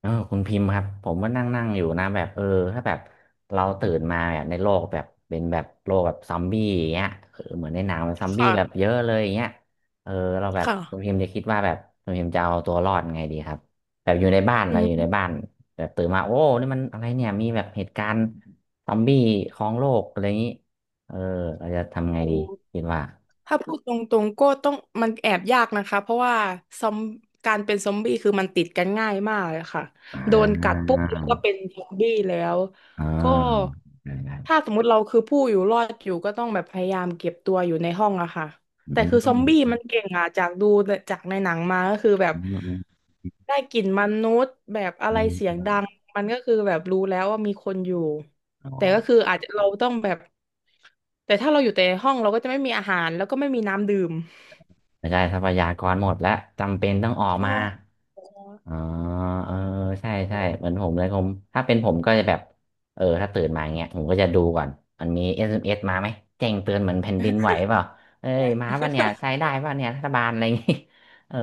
คุณพิมพ์ครับผมก็นั่งนั่งอยู่นะแบบถ้าแบบเราตื่นมาแบบในโลกแบบเป็นแบบโลกแบบซอมบี้อย่างเงี้ยเหมือนในหนังมันซอมบี้แบบค่ะ เยอะเลยอย่างเงี้ยเออเราแบบคุณค่ะพิมพ์จะคิดว่าแบบคุณพิมพ์จะเอาตัวรอดไงดีครับแบบอยู่ในบ้านอืเราอยู่ในมบ้านแบบตื่นมาโอ้นี่มันอะไรเนี่ยมีแบบเหตุการณ์ซอมบี้ครองโลกอะไรอย่างงี้เออเราจะทำไงโอ้ดีคิดว่าถ้าพูดตรงๆก็ต้องมันแอบยากนะคะเพราะว่าซอมการเป็นซอมบี้คือมันติดกันง่ายมากเลยค่ะอ่โดนกัดาปุ๊บแล้วก็เป็นซอมบี้แล้วอ่ก็าได้ได้ถ้าสมมุติเราคือผู้อยู่รอดอยู่ก็ต้องแบบพยายามเก็บตัวอยู่ในห้องอะค่ะอืแต่คือซอมบี้มมันเก่งอะจากดูจากในหนังมาก็คือแบบอืมได้กลิ่นมนุษย์แบบอะอืไรเสียงดัมงมันก็คือแบบรู้แล้วว่ามีคนอยู่ อ๋อ แต่ก็คืออาจจะเราต้องแบบแต่ถ้าเราอยู่แต่ในห้องเราก็จะไม่มีอาหารแล้วก็ไม่มีน้ำดื่มไม่ใช่ทรัพยากรหมดแล้วจำเป็นต้องออใชกมา่อ๋อเออใช่ใช่เหมือนผมเลยผมถ้าเป็นผมก็จะแบบถ้าตื่นมาอย่างเงี้ยผมก็จะดูก่อนมันมี SMS มเอสมาไหมแจ้งเตือนเหมือนแผ่นดินไหวเปล่าเอ้ยมาป่ะเนี่ยใช้ได้ป่ะเนี่ยรัฐบาลอะไรอย่างงี้ เออ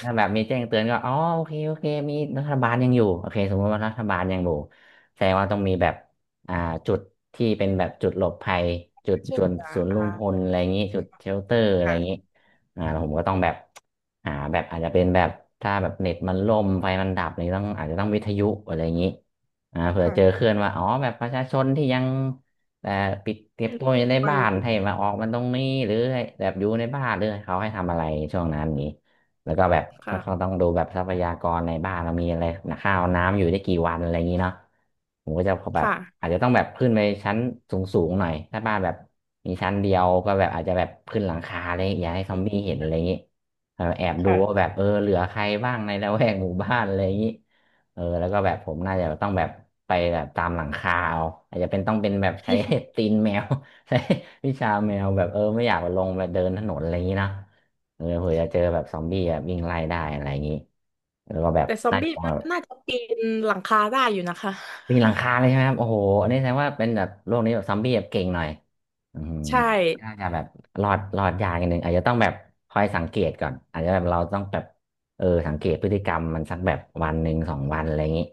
ถ้าแบบมีแจ้งเตือนก็อ๋อโอเคโอเคมีรัฐบาลยังอยู่โอเคสมมติว่ารัฐบาลยังอยู่แสดงว่าต้องมีแบบอ่าจุดที่เป็นแบบจุดหลบภัยจุดช่วยจุดเหลือศูนย์รวมพลอ่าอะไรอย่างงี้จุดเชลเตอร์อะไรอค่ะย่างงี้ แล้วผมก็ต้องแบบหาแบบอาจจะเป็นแบบถ้าแบบเน็ตมันล่มไฟมันดับนี่ต้องอาจจะต้องวิทยุอะไรอย่างนี้เผื่อค่ะเจอเคลื่อนว่าอ๋อแบบประชาชนที่ยังแต่อปิดเก็บตัวอยู่ในก็บ้าอยู่นให้มาออกมันตรงนี้หรือแบบอยู่ในบ้านหรือเขาให้ทำอะไรช่วงนั้นนี้ แล้วก็แบบถ้าเขาค่ะต้องดูแบบทรัพยากรในบ้านเรามีอะไรนะข้าวน้ำอยู่ได้กี่วันอะไรอย่างนี้เนาะผมก็จะแบบค่ะอาจจะต้องแบบขึ้นไปชั้นสูงสูงหน่อยถ้าบ้านแบบมีชั้นเดียวก็แบบอาจจะแบบขึ้นหลังคาอะไรอย่างเงี้ยอย่าให้ซอมบี้เห็นอะไรอย่างนี้แอบดูว่าแบค่ะบเหลือใครบ้างในละแวกหมู่บ้านอะไรอย่างนี้แล้วก็แบบผมน่าจะต้องแบบไปแบบตามหลังคาเอาอาจจะเป็นต้องเป็นแบบใช้ ตีนแมว ใช้วิชาแมวแบบไม่อยากลงแบบเดินถนนอะไรอย่างนี้เนาะ เผื่อจะเจอแบบซอมบี้แบบวิ่งไล่ได้อะไรอย่างนี้แล้วก็แบบแต่ซอมไล่ตบี้รงมัแบนบน่าจะปีนหลังคาได้อยู่นะคะปีนหลังคาเลยใช่ไหมครับโอ้โหอันนี้แสดงว่าเป็นแบบโลกนี้แบบซอมบี้แบบเก่งหน่อยอืมใช่น่าจะแบบรอดรอดยากนิดนึงอาจจะต้องแบบคอยสังเกตก่อนอาจจะแบบเราต้องแบบสังเกตพฤติกรรมมันสักแบบวันหนึ่งสองวันอะไรอย่างนี้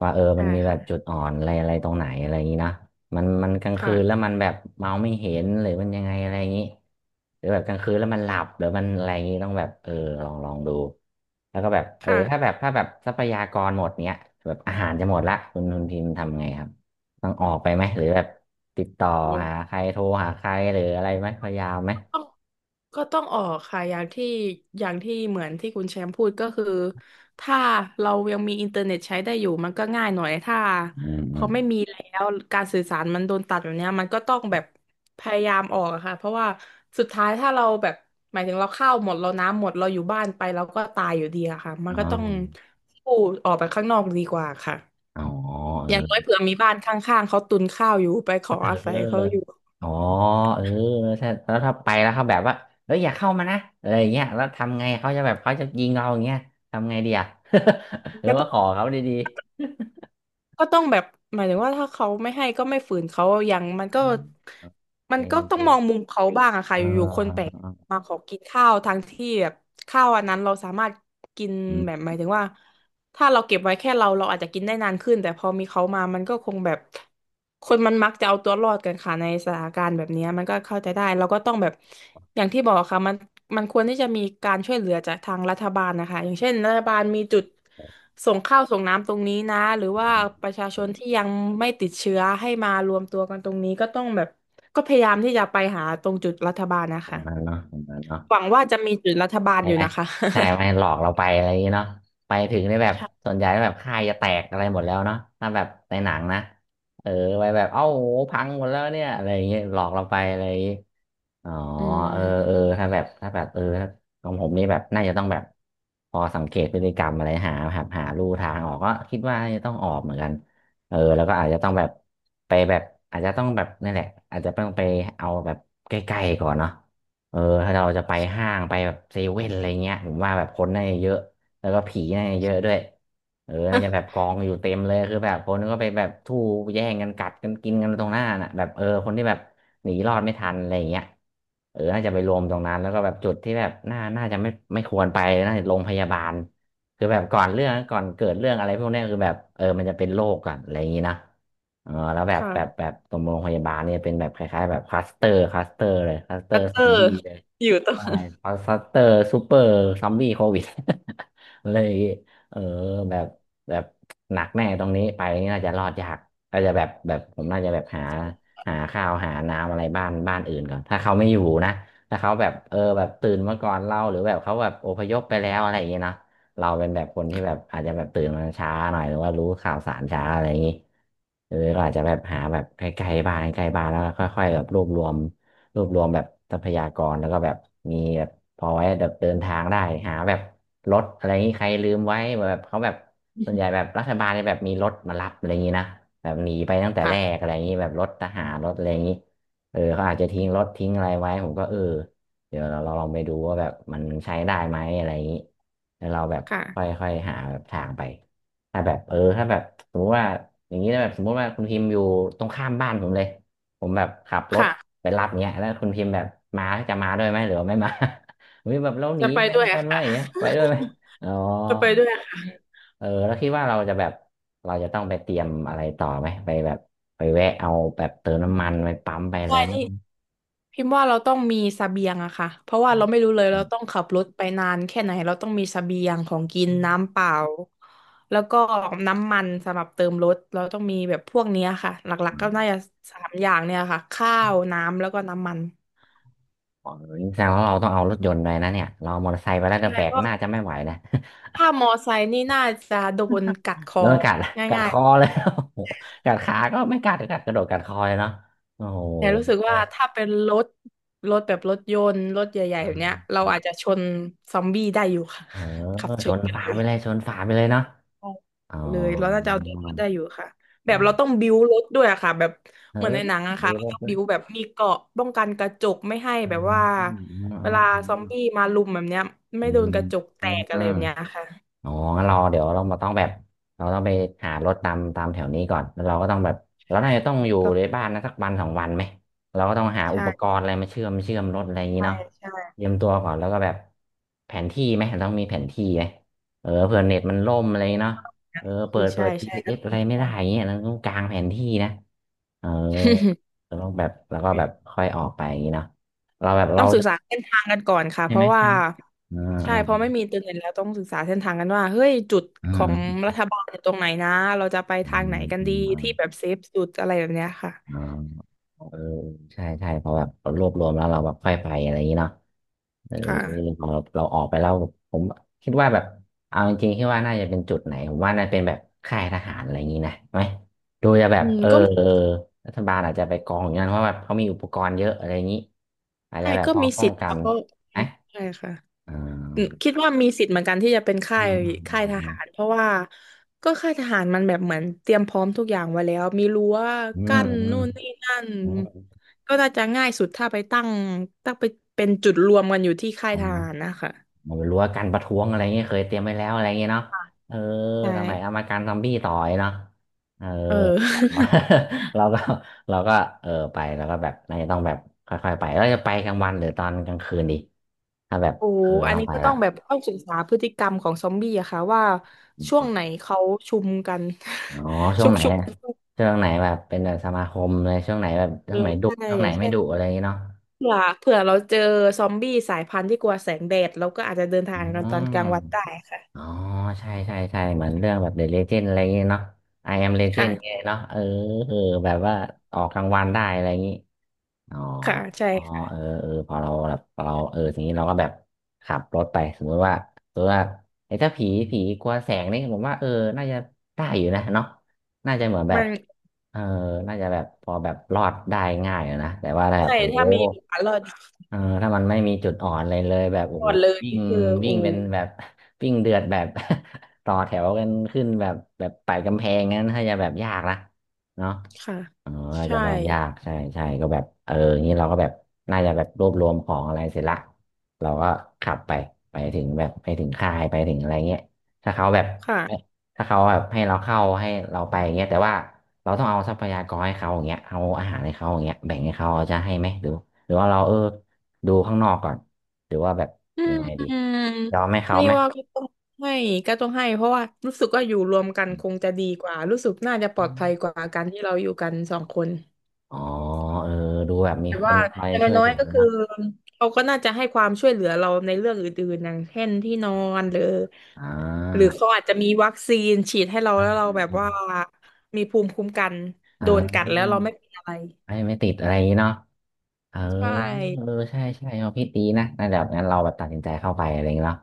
ว่ามัใช่านมีแบค่ะบจุดอ่อนอะไรอะไรตรงไหนอะไรอย่างนี้เนอะ มันมันกลางคืนแล้วค่ะมันแบบเมาไม่เห็นหรือมันยังไงอะไรอย่างนี้หรือแบบกลางคืนแล้วมันหลับหรือมันอะไรอย่างนี้ต้องแบบลองลองดูแล้วก็แบบถ้าแบค่ะ บถ้าแบบทรัพยากรหมดเนี้ยแบบอาหารจะหมดละคุณพิมพ์ทำไงครับต้องออกไปไหมหรือแบบติดต่อหาใครโทรหาใครหรืออะไรไหมพยายามไหมต้องก็ต้องออกค่ะอย่างที่อย่างที่เหมือนที่คุณแชมป์พูดก็คือถ้าเรายังมีอินเทอร์เน็ตใช้ได้อยู่มันก็ง่ายหน่อยถ้าอืมพอือมไม่มีแล้วการสื่อสารมันโดนตัดแบบเนี้ยมันก็ต้องแบบพยายามออกอะค่ะเพราะว่าสุดท้ายถ้าเราแบบหมายถึงเราข้าวหมดเราน้ำหมดเราอยู่บ้านไปเราก็ตายอยู่ดีอะค่ะมัอ๋นก็ต้องอสู้ออกไปข้างนอกดีกว่าค่ะอ๋อเออย่างน้อยอ เผื่อมีบ้านข้างๆเขาตุนข้าวอยู่ไปขอเอาศัยเขาอออยู่อ๋อเออถ้าแล้วถ้าไปแล้วเขาแบบว่าเอ้ยอย่าเข้ามานะอะไรอย่างเงี้ยแล้วทำไงเขาจะแบบเขาจะยิงเราอย่างเงี้ยทำไงดีอ่ะ หรือก็ว่าต้อง ขอเขาดีๆ ก็ต้องแบบหมายถึงว่าถ้าเขาไม่ให้ก็ไม่ฝืนเขาอย่างมันก็ มัโอนเคก็โอต้อเคงมองมุมเขาบ้างอะเค่ะอยู่ๆคนแปลออกมาขอกินข้าวทั้งที่แบบข้าวอันนั้นเราสามารถกินอืแบบหมมายถึงว่าถ้าเราเก็บไว้แค่เราเราอาจจะกินได้นานขึ้นแต่พอมีเขามามันก็คงแบบคนมันมักจะเอาตัวรอดกันค่ะในสถานการณ์แบบเนี้ยมันก็เข้าใจได้เราก็ต้องแบบอย่างที่บอกค่ะมันมันควรที่จะมีการช่วยเหลือจากทางรัฐบาลนะคะอย่างเช่นรัฐบาลมีจุด ส่งข้าวส่งน้ำตรงนี้นะหรือว่าประชาชนที่ยังไม่ติดเชื้อให้มารวมตัวกันตรงนี้ก็ต้องแบบก็พยายามที่จะไปหาตรงจุดรัฐบาลนะตรงคะนั้นเนาะตรงนั้นเนาะหวังว่าจะมีจุดรัฐบาลใช่อไหยู่มนะคะ ใช่ไหมหลอกเราไปอะไรอย่างเงี้ยเนาะไปถึงได้แบบ ใช่ส่วนใหญ่แบบค่ายจะแตกอะไรหมดแล้วเนาะถ้าแบบในหนังนะเออไปแบบเอ้าโหพังหมดแล้วเนี่ยอะไรอย่างเงี้ยหลอกเราไปอะไรอย่างเงี้ย อ๋ออืมถ้าแบบถ้าแบบถ้าของผมนี่แบบน่าจะต้องแบบพอสังเกตพฤติกรรมอะไรหาลู่ทางออกก็คิดว่าน่าจะต้องออกเหมือนกันแล้วก็อาจจะต้องแบบไปแบบอาจจะต้องแบบนี่นแหละอาจจะต้องไปเอาแบบใกล้ๆก่อนเนาะเออถ้าเราจะไปห้างไปแบบเซเว่นอะไรเงี้ยผมว่าแบบคนน่าจะเยอะ แล้วก็ผีเน่าเยอะด้วยเออน่าจะแบบกองอยู่เต็มเลยคือแบบคนก็ไปแบบทู่แย่งกันกัดกันกินกันตรงหน้าน่ะแบบคนที่แบบหนีรอดไม่ทันอะไรอย่างเงี้ยน่าจะไปรวมตรงนั้นแล้วก็แบบจุดที่แบบน่าจะไม่ควรไปน่าจะโรงพยาบาลคือแบบก่อนเกิดเรื่องอะไรพวกเนี้ยคือแบบมันจะเป็นโรคก่อนอะไรอย่างงี้นะแล้วแบคบแบบแบ่ะบตรงโรงพยาบาลเนี่ยเป็นแบบคล้ายๆแบบคลัสเตอร์เลยคลัสเตออัตร์ซเตออมบี้ อยู่ตรงใช่ฟัสเตอร์ ซูเปอร์ซัมบี้โควิด เลยเออแบบแบบหนักแน่ตรงนี้ไปนี่น่าจะรอดยากน่าจะแบบผมน่าจะแบบหาข้าวหาน้ำอะไรบ้านอื่นก่อนถ้าเขาไม่อยู่นะถ้าเขาแบบแบบตื่นมาก่อนเราหรือแบบเขาแบบอพยพไปแล้วอะไรอย่างเงี้ยเนาะเราเป็นแบบคนที่แบบอาจจะแบบตื่นมาช้าหน่อยหรือว่ารู้ข่าวสารช้าอะไรอย่างงี้หรืออก็อาจจะแบบหาแบบใกล้ๆบ้านใกล้ๆบ้านแล้วก็ค่อยๆแบบรวบรวม แบบทรัพยากรแล้วก็แบบมีแบบพอไว้แบบเดินทางได้หาแบบรถอะไรนี้ใครลืมไว้แบบเขาแบบส่วนใหญ่แบบรัฐบาลเนี่ยแบบมีรถมารับอะไรอย่างนี้นะแบบหนีไปตั้งแต่แรกค่ะอะไรอย่างนี้แบบรถทหารรถอะไรอย่างนี้เขาอาจจะทิ้งรถทิ้งอะไรไว้ผมก็เดี๋ยวเราลองไปดูว่าแบบมันใช้ได้ไหมอะไรอย่างนี้แล้วเราแบบค่อยค่ะค่อยหาแบบทางไปถ้าแบบถ้าแบบสมมติว่าอย่างนี้นะแบบสมมติว่าคุณพิมพ์อยู่ตรงข้ามบ้านผมเลยผมแบบขับรถ ค่ะไปรับเนี้ยแล้วคุณพิมพ์แบบมาจะมาด้วยไหมหรือว่าไม่มา วิแบบเราหนีจะไปไปด้ด้ววยยกัอะนไหมค่ะอย่างเงี้ยไปด้วยไหมอ๋อจะไปด้วยอะค่ะแล้วคิดว่าเราจะแบบเราจะต้องไปเตรียมอะไรต่อไหมไปแบบไปแวะเอาแบบเติมน้ำมันไปปั๊มไปอะใช่ไรไหมนี่ พิมพ์ว่าเราต้องมีเสบียงอะค่ะ เพราะว่าเราไม่รู้เลยเราต้องขับรถไปนานแค่ไหนเราต้องมีเสบียงของกินน้ำเปล่าแล้วก็น้ำมันสำหรับเติมรถเราต้องมีแบบพวกเนี้ยค่ะหลักๆก็น่าจะสามอย่างเนี่ยค่ะข้าวน้ำแล้วก็น้ำมันอ๋อนี่แสดงว่าเราต้องเอารถยนต์ไปนะเนี่ยเราเอามอเตอร์ไซค์ไปแล้วใช่จะแบเพกราะน่าจะไม่ไหวนะ ถ้ามอไซค์นี่น่าจะโดนกัดค อแล้วมันกัดงกัด่าคยอเลย โอ้โหกัดขาก็ไม่กัดกระโดดกัดคอเลยเนาะโอ้โๆแต่รู้สึกห ว่าถ้าเป็นรถรถแบบรถยนต์รถใหญ่ๆแบบเนี้ยเราอาจจะชนซอมบี้ได้อยู่ค่ะเออขับชชนนกันฝาเลย ไปเลยชนฝาไปเลยเนาะออกอ๋อเลยเราน่าจะเอาตัวรอดได้อยู่ค่ะแบอ๋บเราต้อองบิ้วรถด้วยอะค่ะแบบเออเหมือนในหนังอะดูค่ะเราต้องเลยบิ้วแบบมีเกราะป้องกันกระจกไม่ให้อืแบบมว่าอืมอเวลาืซอมมบี้มารุมแบบเนี้ยอืไม่โดมนกระจกแตอืกอะไรม แบบเนี้ยค่ะอ๋องั้นเราเดี๋ยวเรามาต้องแบบเราต้องไปหารถตามแถวนี้ก่อนแล้วเราก็ต้องแบบเราน่าจะต้องอยู่ก็ในบ้านนะสักวันสองวันไหมเราก็ต้องหาอุปกใช่รณ์อะไรมาเชื่อมรถอะไรอย่างนี้ใช่เนาะใช่เตรียมตัวก่อนแล้วก็แบบแผนที่ไหมต้องมีแผนที่ไหมเผื่อเน็ตมันล่มอะไรเนาะเปิพี่ดเปิใช่ด ใช่ก็ GPS ต้อสอะอไรงไม่ค่ะ ได้อย่างเงี้ยเราต้องกางแผนที่นะเออเราต้องแบบแล้วก็แบบค่อยออกไปอย่างนี้เนาะเราแบบ ต้เราองศึกจะษาเส้นทางกันก่อนค่ะใช่เพไหมราะว่าใช่ไหมอ่าใช่เพราะอ่าไม่มีอินเทอร์เน็ตแล้วต้องศึกษาเส้นทางกันว่าเฮ้ยจุดอ่ของารัฐบาลอยู่ตรงไหนนะเราจะไปทางไหนอ่ากันอดีที่แบ่าบเซฟสุดอะไรแบบเนี้ยค่ะอ่า เออใช่พอแบบเรารวบรวมแล้วเราแบบค่อยไปอะไรอย่างนี้เนาะเออค่ะ พอเราออกไปแล้วผมคิดว่าแบบเอาจริงๆคิดว่าน่าจะเป็นจุดไหนผมว่าน่าเป็นแบบค่ายทหารอะไรอย่างนี้นะไหมดูจะแบอืบมก็เออรัฐบาลอาจจะไปกองอย่างนั้นเพราะแบบเขามีอุปกรณ์เยอะอะไรอย่างนี้อาจใช่จะแบบก็พอมีป้อสิงทธิ์กันค่ะก็อืนะมใช่ค่ะอ่อืมาคิดว่ามีสิทธิ์เหมือนกันที่จะเป็นอืค่ายค่ายทหารมเพราะว่าก็ค่ายทหารมันแบบเหมือนเตรียมพร้อมทุกอย่างไว้แล้วมีรั้วอืมกั้นอืนู่มนนี่นั่นอืมก็น่าจะง่ายสุดถ้าไปตั้งไปเป็นจุดรวมกันอยู่ที่ค่ายอืทม หารนะคะรั้วกันประท้วงอะไรเงี้ยเคยเตรียมไว้แล้วอะไรเงี้ยเนาะเออใช่ทำไมเอามาการซอมบี้ต่อยเนาะเออ เออ เราก็เราก็ไปแล้วก็แบบน่าจะต้องแบบค่อยๆไปแล้วจะไปกลางวันหรือตอนกลางคืนดีถ้าแบบโอ้อัต้นองนี้ไปก็ต้อละงแบบต้องศึกษาพฤติกรรมของซอมบี้อะค่ะว่าช่วงไหนเขาชุมกัน อ๋อ ช่วชุงกไหนชุมอะกันช่วงไหนแบบเป็นแบบสมาคมเลยช่เลวงไหนยดุใช่ช่วงอไหนย่างไม่เช่น ดุอะไรเงี้ยเนาะเผื่อเราเจอซอมบี้สายพันธุ์ที่กลัวแสงแดดเราก็อาจจะเดินทาอืงกันตอม นกลางวันได้อ๋ค่ะ อใช่เหมือนเรื่องแบบ The Legend อะไรอย่างเงี้ยเนาะ I am Legend ไงยค่ะเนาะเออแบบว่าออกรางวัลได้อะไรอย่างงี้อ๋อค่ะใช่อ๋อค่ะพอเราแบบพอเราเออทีนี้เราก็แบบขับรถไปสมมติว่าไอ้ถ้าผีกลัวแสงนี่ผมว่าน่าจะได้อยู่นะเนาะ น่าจะเหมือนแบมับนเออน่าจะแบบพอแบบรอดได้ง่ายอะนะ แต่ว่าแบบใช่โอ้โหถ้ามีโอกาสรอดเออถ้ามันไม่มีจุดอ่อนเลยแบบโอ้รอโหดเลยวิ่งนี่คือวิ่โอ้งเป็นแบบ วิ่งเดือดแบบ ต่อแถวกันขึ้นแบบไต่กำแพงงั้นถ้าจะแบบยากนะเนาะ ค่ะอ๋ออาจจะใช่รอดยากใช่ก็แบบงี้เราก็แบบน่าจะแบบรวบรวมของอะไรเสร็จละเราก็ขับไปไปถึงแบบไปถึงค่ายไปถึงอะไรเงี้ยถ้าเขาแบบค่ะให้ถ้าเขาแบบให้เราเข้าให้เราไปเงี้ยแต่ว่าเราต้องเอาทรัพยากรให้เขาอย่างเงี้ยเอาอาหารให้เขาอย่างเงี้ยแบ่งให้เขาเขาจะให้ไหมหรือหรือว่าเราดูข้างนอกก่อนหรือว่าแบบอืยังไงดีมยอมให้เขานี่ไหมว่าก็ต้องให้ก็ต้องให้เพราะว่ารู้สึกว่าอยู่รวมกันอืคงจะดีกว่ารู้สึกน่าจะปลอมดภัยกว่าการที่เราอยู่กันสองคน อ๋อเออดูแบบมีแต่คว่านคอยอย่างช่วยน้อเหลืยอๆก็คือนะเขาก็น่าจะให้ความช่วยเหลือเราในเรื่องอื่นๆอย่างเช่นที่นอนหรืออ่หรือา เขาอาจจะมีวัคซีนฉีดให้เราแล้วเราแบบว่ามีภูมิคุ้มกันเอโดนกัดแล้วอเราไม่เป็นอะไรไม่ติดอะไรอย่างงี้เนาะเออใช่เออใช่เอาพี่ตีนะนั่นแบบงั้นเราแบบตัดสินใจเข้าไปอะไรอย่างงี้เนาะ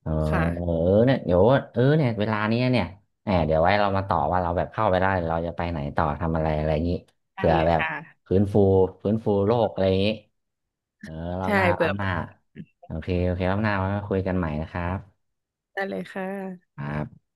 เออค่ะเออเนี่ยเดี๋ยวเนี่ยเวลานี้เนี่ยแหมเดี๋ยวไว้เรามาต่อว่าเราแบบเข้าไปได้เราจะไปไหนต่อทำอะไรอะไรอย่างงี้ได้เผื่อเลยแบบค่ะฟื้นฟูโลกอะไรอย่างงี้เออรอบใช่หน้ารเผื่ออบหน้าเป็นโอเครอบหน้าไว้มาคุยกันใหม่นะครับได้เลยค่ะครับ